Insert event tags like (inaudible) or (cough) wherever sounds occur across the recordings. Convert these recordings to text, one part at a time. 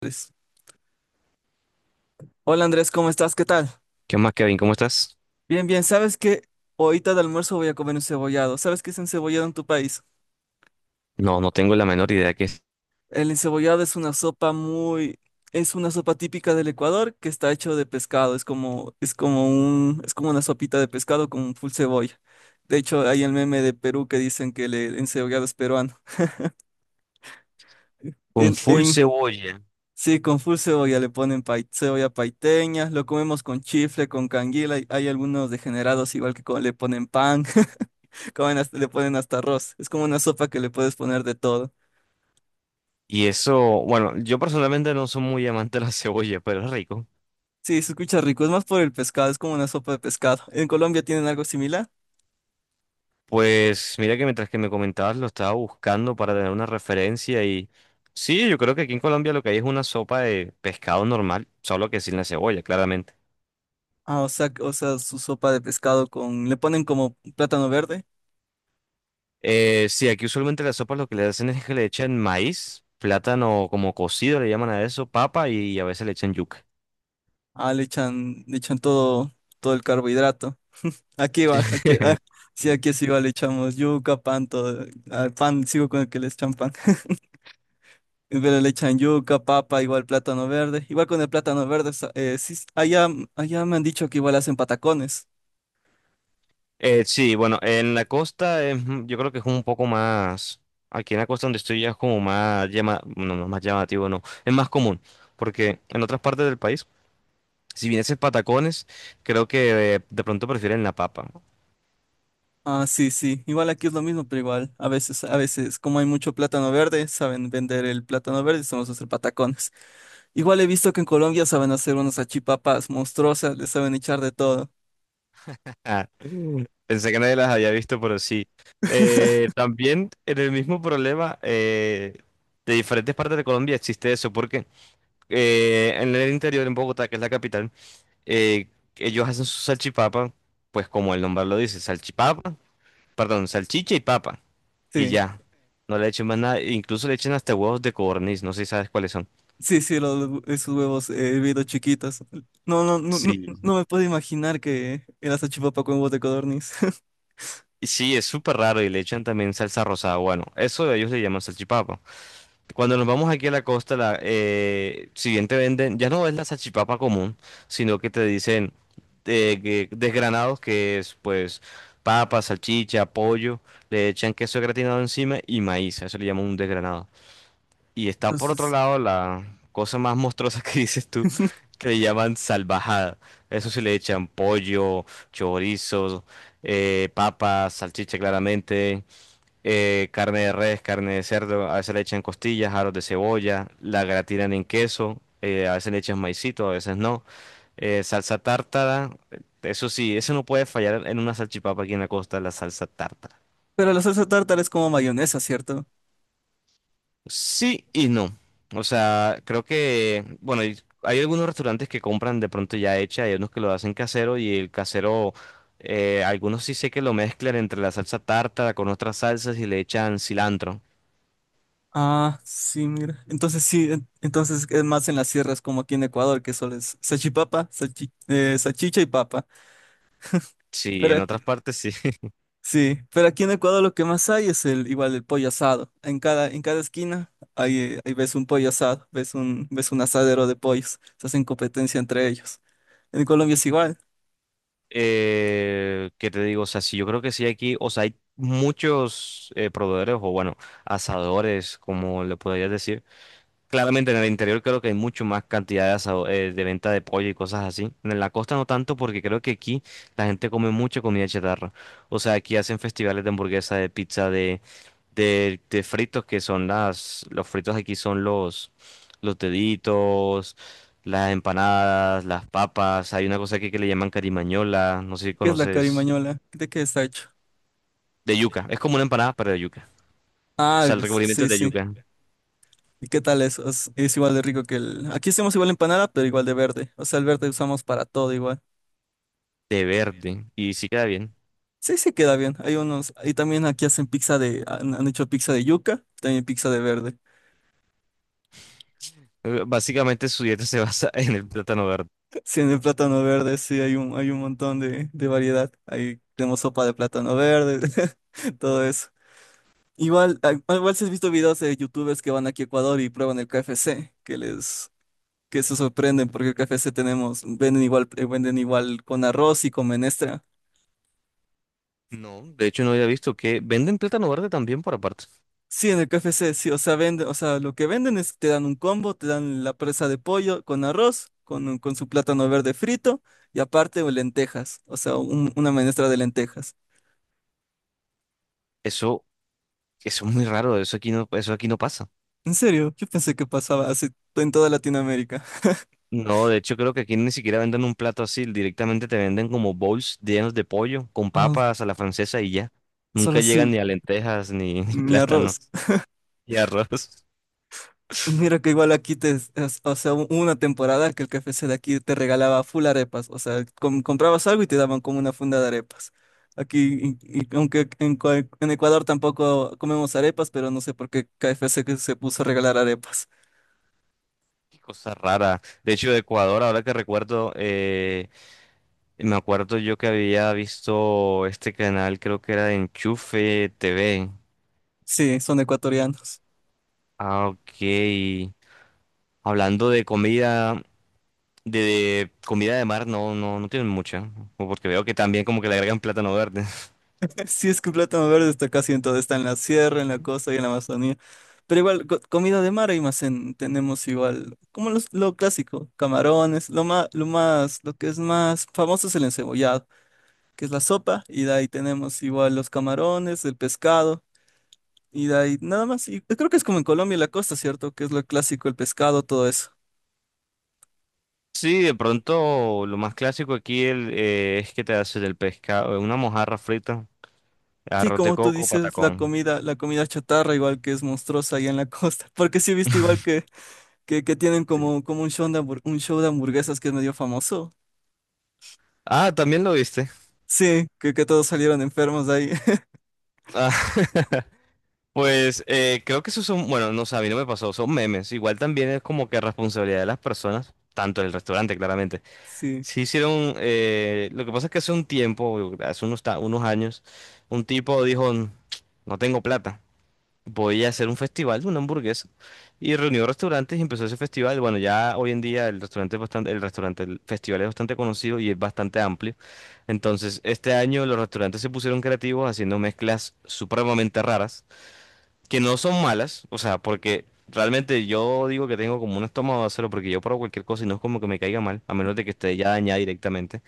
Andrés. Hola Andrés, ¿cómo estás? ¿Qué tal? ¿Qué más, Kevin? ¿Cómo estás? Bien, bien. ¿Sabes que ahorita de almuerzo voy a comer un cebollado? ¿Sabes qué es encebollado en tu país? No, no tengo la menor idea que es. El encebollado es una sopa Es una sopa típica del Ecuador que está hecho de pescado. Es como una sopita de pescado con full cebolla. De hecho, hay el meme de Perú que dicen que el encebollado es peruano. Con En, full en, cebolla. sí, con full cebolla le ponen cebolla paiteña. Lo comemos con chifle, con canguila. Y hay algunos degenerados igual que le ponen pan. (laughs) Comen le ponen hasta arroz. Es como una sopa que le puedes poner de todo. Y eso, bueno, yo personalmente no soy muy amante de la (laughs) cebolla, pero es rico. Sí, se escucha rico, es más por el pescado, es como una sopa de pescado. ¿En Colombia tienen algo similar? Pues mira que mientras que me comentabas lo estaba buscando para tener una referencia y sí, yo creo que aquí en Colombia lo que hay es una sopa de pescado normal, solo que sin la cebolla, claramente. Ah, o sea, su sopa de pescado con, le ponen como plátano verde. Sí, aquí usualmente las sopas lo que le hacen es que le echan maíz, plátano como cocido, le llaman a eso, papa y a veces le echan yuca. Ah, le echan todo, todo el carbohidrato. Aquí igual, aquí, ah, (laughs) sí, Sí. aquí es igual, le echamos yuca, pan, todo. Al pan, sigo con el que le echan pan. (laughs) Pero le echan yuca, papa, igual plátano verde. Igual con el plátano verde, sí, allá me han dicho que igual hacen patacones. Sí, bueno, en la costa yo creo que es un poco más, aquí en la costa donde estoy ya es como no, no más llamativo, no, es más común, porque en otras partes del país, si vienes en patacones, creo que de pronto prefieren la papa. Ah, sí, sí. Igual aquí es lo mismo, pero igual. A veces, como hay mucho plátano verde, saben vender el plátano verde y sabemos hacer patacones. Igual he visto que en Colombia saben hacer unas salchipapas monstruosas, le saben echar de todo. (laughs) Ah, pensé que nadie las había visto, pero sí. (laughs) También en el mismo problema de diferentes partes de Colombia existe eso, porque en el interior, en Bogotá, que es la capital, Eh, ellos hacen su salchipapa, pues como el nombre lo dice, salchipapa, perdón, salchicha y papa, y Sí, ya. No le echen más nada, incluso le echan hasta huevos de codorniz, no sé si sabes cuáles son. sí, sí, los, esos huevos hervidos chiquitos. No, no, no, no, Sí. no me puedo imaginar que era salchipapa con huevos de codorniz. (laughs) Sí, es súper raro y le echan también salsa rosada. Bueno, eso ellos le llaman salchipapa. Cuando nos vamos aquí a la costa, si bien te venden, ya no es la salchipapa común, sino que te dicen desgranados, que es pues papa, salchicha, pollo, le echan queso gratinado encima y maíz, a eso le llaman un desgranado. Y está por otro Entonces, lado la cosa más monstruosa que (laughs) dices tú, que le llaman salvajada. Eso sí le echan pollo, chorizo, papa, salchicha claramente carne de res, carne de cerdo, a veces le echan costillas, aros de cebolla, la gratinan en queso, a veces le echan maicito, a veces no, salsa tártara, eso sí, eso no puede fallar en una salchipapa aquí en la costa, la salsa tártara. pero la salsa tártara es como mayonesa, ¿cierto? Sí y no, o sea, creo que, bueno, y hay algunos restaurantes que compran de pronto ya hecha, hay unos que lo hacen casero y el casero... algunos sí sé que lo mezclan entre la salsa tártara con otras salsas y le echan cilantro. Ah, sí, mira. Entonces sí, entonces es más en las sierras como aquí en Ecuador, que solo es sachicha y papa. Sí, Pero en aquí- otras partes sí. sí, pero aquí en Ecuador lo que más hay es el igual el pollo asado. En cada esquina ahí, ahí ves un pollo asado, ves un asadero de pollos. Se hacen competencia entre ellos. En Colombia es igual. ¿Qué te digo? O sea, sí, yo creo que sí aquí, o sea, hay muchos proveedores o bueno, asadores, como le podrías decir. Claramente en el interior creo que hay mucho más cantidad de venta de pollo y cosas así. En la costa no tanto porque creo que aquí la gente come mucha comida chatarra. O sea, aquí hacen festivales de hamburguesa, de pizza, de fritos que son las, los fritos aquí son los deditos, las empanadas, las papas, hay una cosa aquí que le llaman carimañola, no sé si ¿Qué es la conoces, carimañola? ¿De qué está hecho? de yuca, es como una empanada pero de yuca, o Ah, sea, el recubrimiento sí, es de sí. yuca, ¿Y qué tal eso? Es igual de rico Aquí hacemos igual empanada, pero igual de verde. O sea, el verde usamos para todo igual. de verde, y sí queda bien. Sí, sí queda bien. Hay unos, y también aquí hacen pizza han hecho pizza de yuca, también pizza de verde. (laughs) Básicamente su dieta se basa (laughs) en el plátano verde. Sí, en el plátano verde, sí, hay un montón de variedad. Ahí tenemos sopa de plátano verde, (laughs) todo eso. Igual, igual si has visto videos de youtubers que van aquí a Ecuador y prueban el KFC, que se sorprenden porque el KFC tenemos, venden igual con arroz y con menestra. No, de hecho no había visto que venden plátano verde también por aparte. Sí, en el KFC, sí, o sea, venden, o sea, lo que venden es, te dan un combo, te dan la presa de pollo con arroz, con su plátano verde frito y aparte o lentejas, o sea, una menestra de lentejas. Eso, eso es muy raro, eso aquí no pasa. En serio, yo pensé que pasaba así en toda Latinoamérica. (laughs) No, de hecho creo que aquí ni siquiera venden un plato así, directamente te venden como bowls llenos de pollo, con Ah, papas a la francesa y ya. solo Nunca llegan así, ni a lentejas, ni, (laughs) ni mi arroz. plátanos, ni arroz. Mira (laughs) que igual aquí te, o sea, hubo una temporada que el KFC de aquí te regalaba full arepas, o sea, comprabas algo y te daban como una funda de arepas. Aquí, y aunque en, en Ecuador tampoco comemos arepas, pero no sé por qué KFC que se puso a regalar arepas. Qué cosa rara. De hecho, de Ecuador, ahora que recuerdo, me acuerdo yo que había visto este canal, creo que era de Enchufe TV. Sí, son ecuatorianos. Ah, ok. Hablando de comida, de comida de mar, no, no, no tienen mucha. Porque veo que también como que le agregan plátano verde. (laughs) Sí, es que el plátano verde está casi en todo, está en la sierra, en la costa y en la Amazonía. Pero igual, comida de mar hay más en, tenemos igual, como lo clásico, camarones, lo que es más famoso es el encebollado, que es la sopa, y de ahí tenemos igual los camarones, el pescado, y de ahí nada más. Y creo que es como en Colombia y la costa, ¿cierto? Que es lo clásico, el pescado, todo eso. Sí, de pronto lo más clásico aquí es que te haces del pescado, una mojarra frita, Sí, arroz de como tú coco, dices, patacón. La comida chatarra igual que es monstruosa allá en la costa. (laughs) Porque sí he visto igual que tienen Sí. como, como un show de un show de hamburguesas que es medio famoso. Ah, también lo viste. Sí, que todos salieron enfermos de ahí. (laughs) Ah, (laughs) pues creo que esos son, bueno, no sé, a mí no me pasó, son memes. Igual también es como que responsabilidad de las personas, tanto del restaurante, claramente. Sí, Sí hicieron, lo que pasa es que hace un tiempo, hace unos años, un tipo dijo, no tengo plata. Voy a hacer un festival de una hamburguesa. Y reunió restaurantes y empezó ese festival. Bueno, ya hoy en día el restaurante es bastante, el restaurante, el festival es bastante conocido y es bastante amplio. Entonces, este año los restaurantes se pusieron creativos haciendo mezclas supremamente raras, que no son malas, o sea, porque realmente yo digo que tengo como un estómago de acero porque yo pruebo cualquier cosa y no es como que me caiga mal, a menos de que esté ya dañada directamente.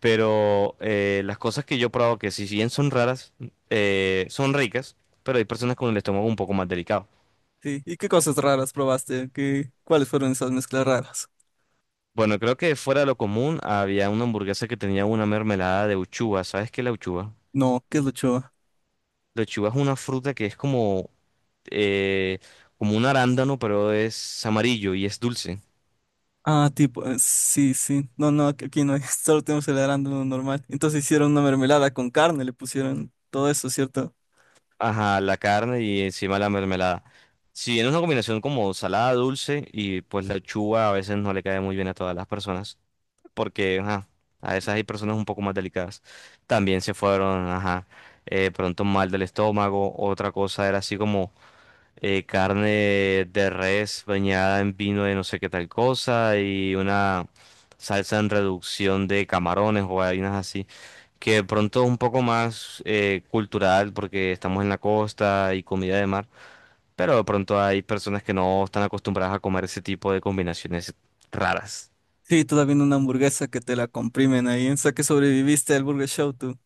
Pero las cosas que yo he probado, que si bien son raras, son ricas, pero hay personas con el estómago un poco más delicado. sí. ¿Y qué cosas raras probaste? ¿Qué, cuáles fueron esas mezclas raras? Bueno, creo que fuera de lo común había una hamburguesa que tenía una mermelada de uchuva. ¿Sabes qué es la uchuva? No, ¿qué es lo La uchuva es una fruta que es eh, como un arándano, pero es amarillo y es dulce. Ah, tipo, sí, sí. No, no, aquí no hay, (laughs) solo tenemos el arándano normal. Entonces hicieron una mermelada con carne, le pusieron todo eso, ¿cierto? Ajá, la carne y encima la mermelada. Si bien es una combinación como salada, dulce, y pues la uchuva a veces no le cae muy bien a todas las personas. Porque ajá, a veces hay personas un poco más delicadas. También se fueron, ajá, pronto mal del estómago. Otra cosa era así como carne de res bañada en vino de no sé qué tal cosa y una salsa en reducción de camarones o vainas así. Que de pronto es un poco más cultural porque estamos en la costa y comida de mar. Pero de pronto hay personas que no están acostumbradas a comer ese tipo de combinaciones raras. Sí, todavía en una hamburguesa que te la comprimen ahí. O sea, que sobreviviste al Burger Show tú.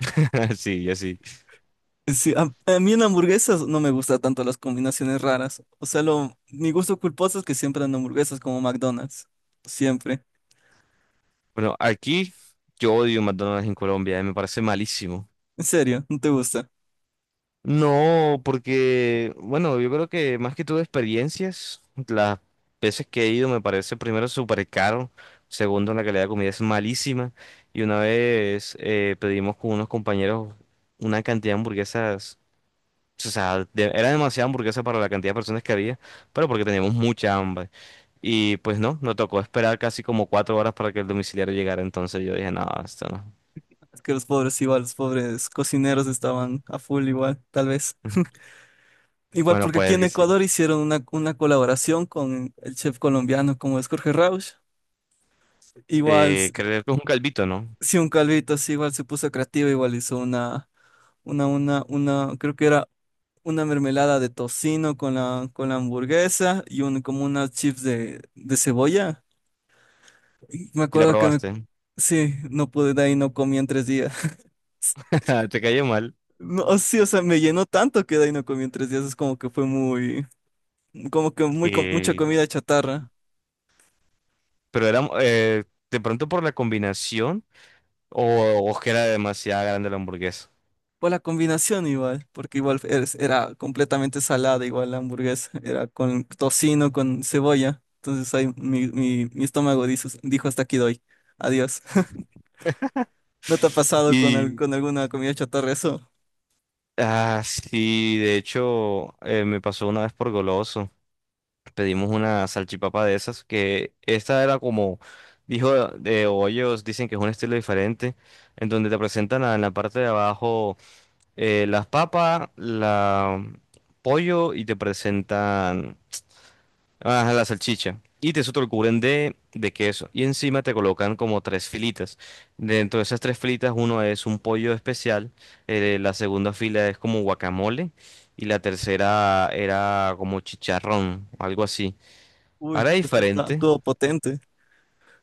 (laughs) Sí, y así. Sí, a mí en hamburguesas no me gustan tanto las combinaciones raras. O sea, lo, mi gusto culposo es que siempre en hamburguesas como McDonald's. Siempre. Bueno, aquí yo odio McDonald's en Colombia, me parece malísimo. En serio, no te gusta. No, porque, bueno, yo creo que más que todo experiencias, las veces que he ido me parece primero súper caro, segundo la calidad de comida es malísima y una vez pedimos con unos compañeros una cantidad de hamburguesas, o sea, era demasiada hamburguesa para la cantidad de personas que había, pero porque teníamos mucha hambre y pues no, nos tocó esperar casi como 4 horas para que el domiciliario llegara, entonces yo dije, no, esto no. Es que los pobres igual, los pobres cocineros estaban a full igual, tal vez. Igual Bueno, porque aquí pues en que sí. Ecuador hicieron una colaboración con el chef colombiano como es Jorge Rauch. Igual, Creo que es (laughs) un calvito, ¿no? si un calvito así, igual se puso creativo, igual hizo una, creo que era una mermelada de tocino con la hamburguesa y un, como unas chips de cebolla. Y me Si la acuerdo que me, probaste. sí, no pude, de ahí no comí en tres días. (laughs) (laughs) Te cayó mal. No, sí, o sea, me llenó tanto que de ahí no comí en tres días. Es como que fue muy, como que muy, mucha Que... comida chatarra. Pero era de pronto por la combinación o que era demasiado grande la hamburguesa. Por la combinación igual, porque igual era completamente salada, igual la hamburguesa, era con tocino, con cebolla. Entonces ahí mi estómago dijo, dijo hasta aquí doy. Adiós. (laughs) ¿No te ha pasado con, Y con alguna comida chatarra eso? ah, sí, de hecho, me pasó una vez por Goloso. Pedimos una salchipapa de esas, que esta era como, dijo, de o ellos dicen que es un estilo diferente, en donde te presentan en la parte de abajo. Las papas, la pollo y te presentan ah, la salchicha. Y te eso te lo cubren de queso. Y encima te colocan como tres filitas. Dentro de esas tres filitas, uno es un pollo especial, la segunda fila es como guacamole y la tercera era como chicharrón, algo así. Uy, Ahora es pues está diferente, todo potente.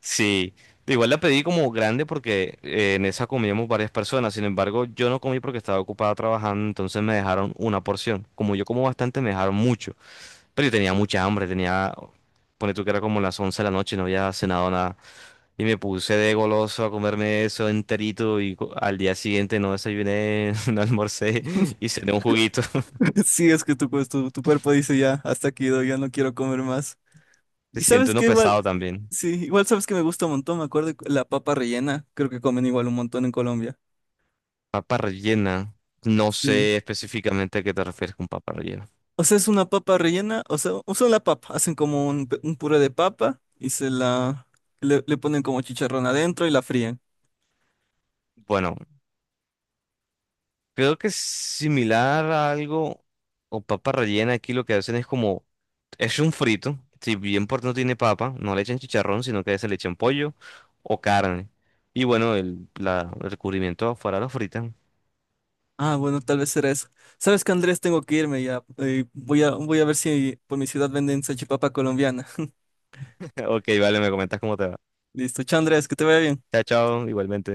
sí, igual la pedí como grande porque en esa comíamos varias personas. Sin embargo, yo no comí porque estaba ocupada trabajando, entonces me dejaron una porción. Como yo como bastante, me dejaron mucho. Pero yo tenía mucha hambre, tenía, pone tú que era como las 11 de la noche, no había cenado nada. Y me puse de goloso a comerme eso enterito y al día siguiente no desayuné, (laughs) no almorcé y cené un juguito. (laughs) (laughs) Sí, es que tu, pues, tu cuerpo dice ya, hasta aquí doy, ya no quiero comer más. Se Y siente sabes uno que igual, pesado también. sí, igual sabes que me gusta un montón, me acuerdo de la papa rellena, creo que comen igual un montón en Colombia. Papa rellena. No Sí. sé específicamente a qué te refieres con papa rellena. O sea, es una papa rellena, o sea, usan la papa, hacen como un, un puré de papa y se la le, le ponen como chicharrón adentro y la fríen. Bueno. Creo que es similar a algo, o papa rellena, aquí lo que hacen es como, es un frito, si bien por no tiene papa, no le echan chicharrón, sino que se le echan pollo o carne. Y bueno, el recubrimiento afuera lo fritan. Ah, bueno, tal vez será eso. ¿Sabes que Andrés? Tengo que irme ya. Voy a, voy a ver si por mi ciudad venden salchipapa colombiana. (laughs) (laughs) Ok, vale, me comentas cómo te va. Listo, chao Andrés, que te vaya bien. Chao, chao, igualmente.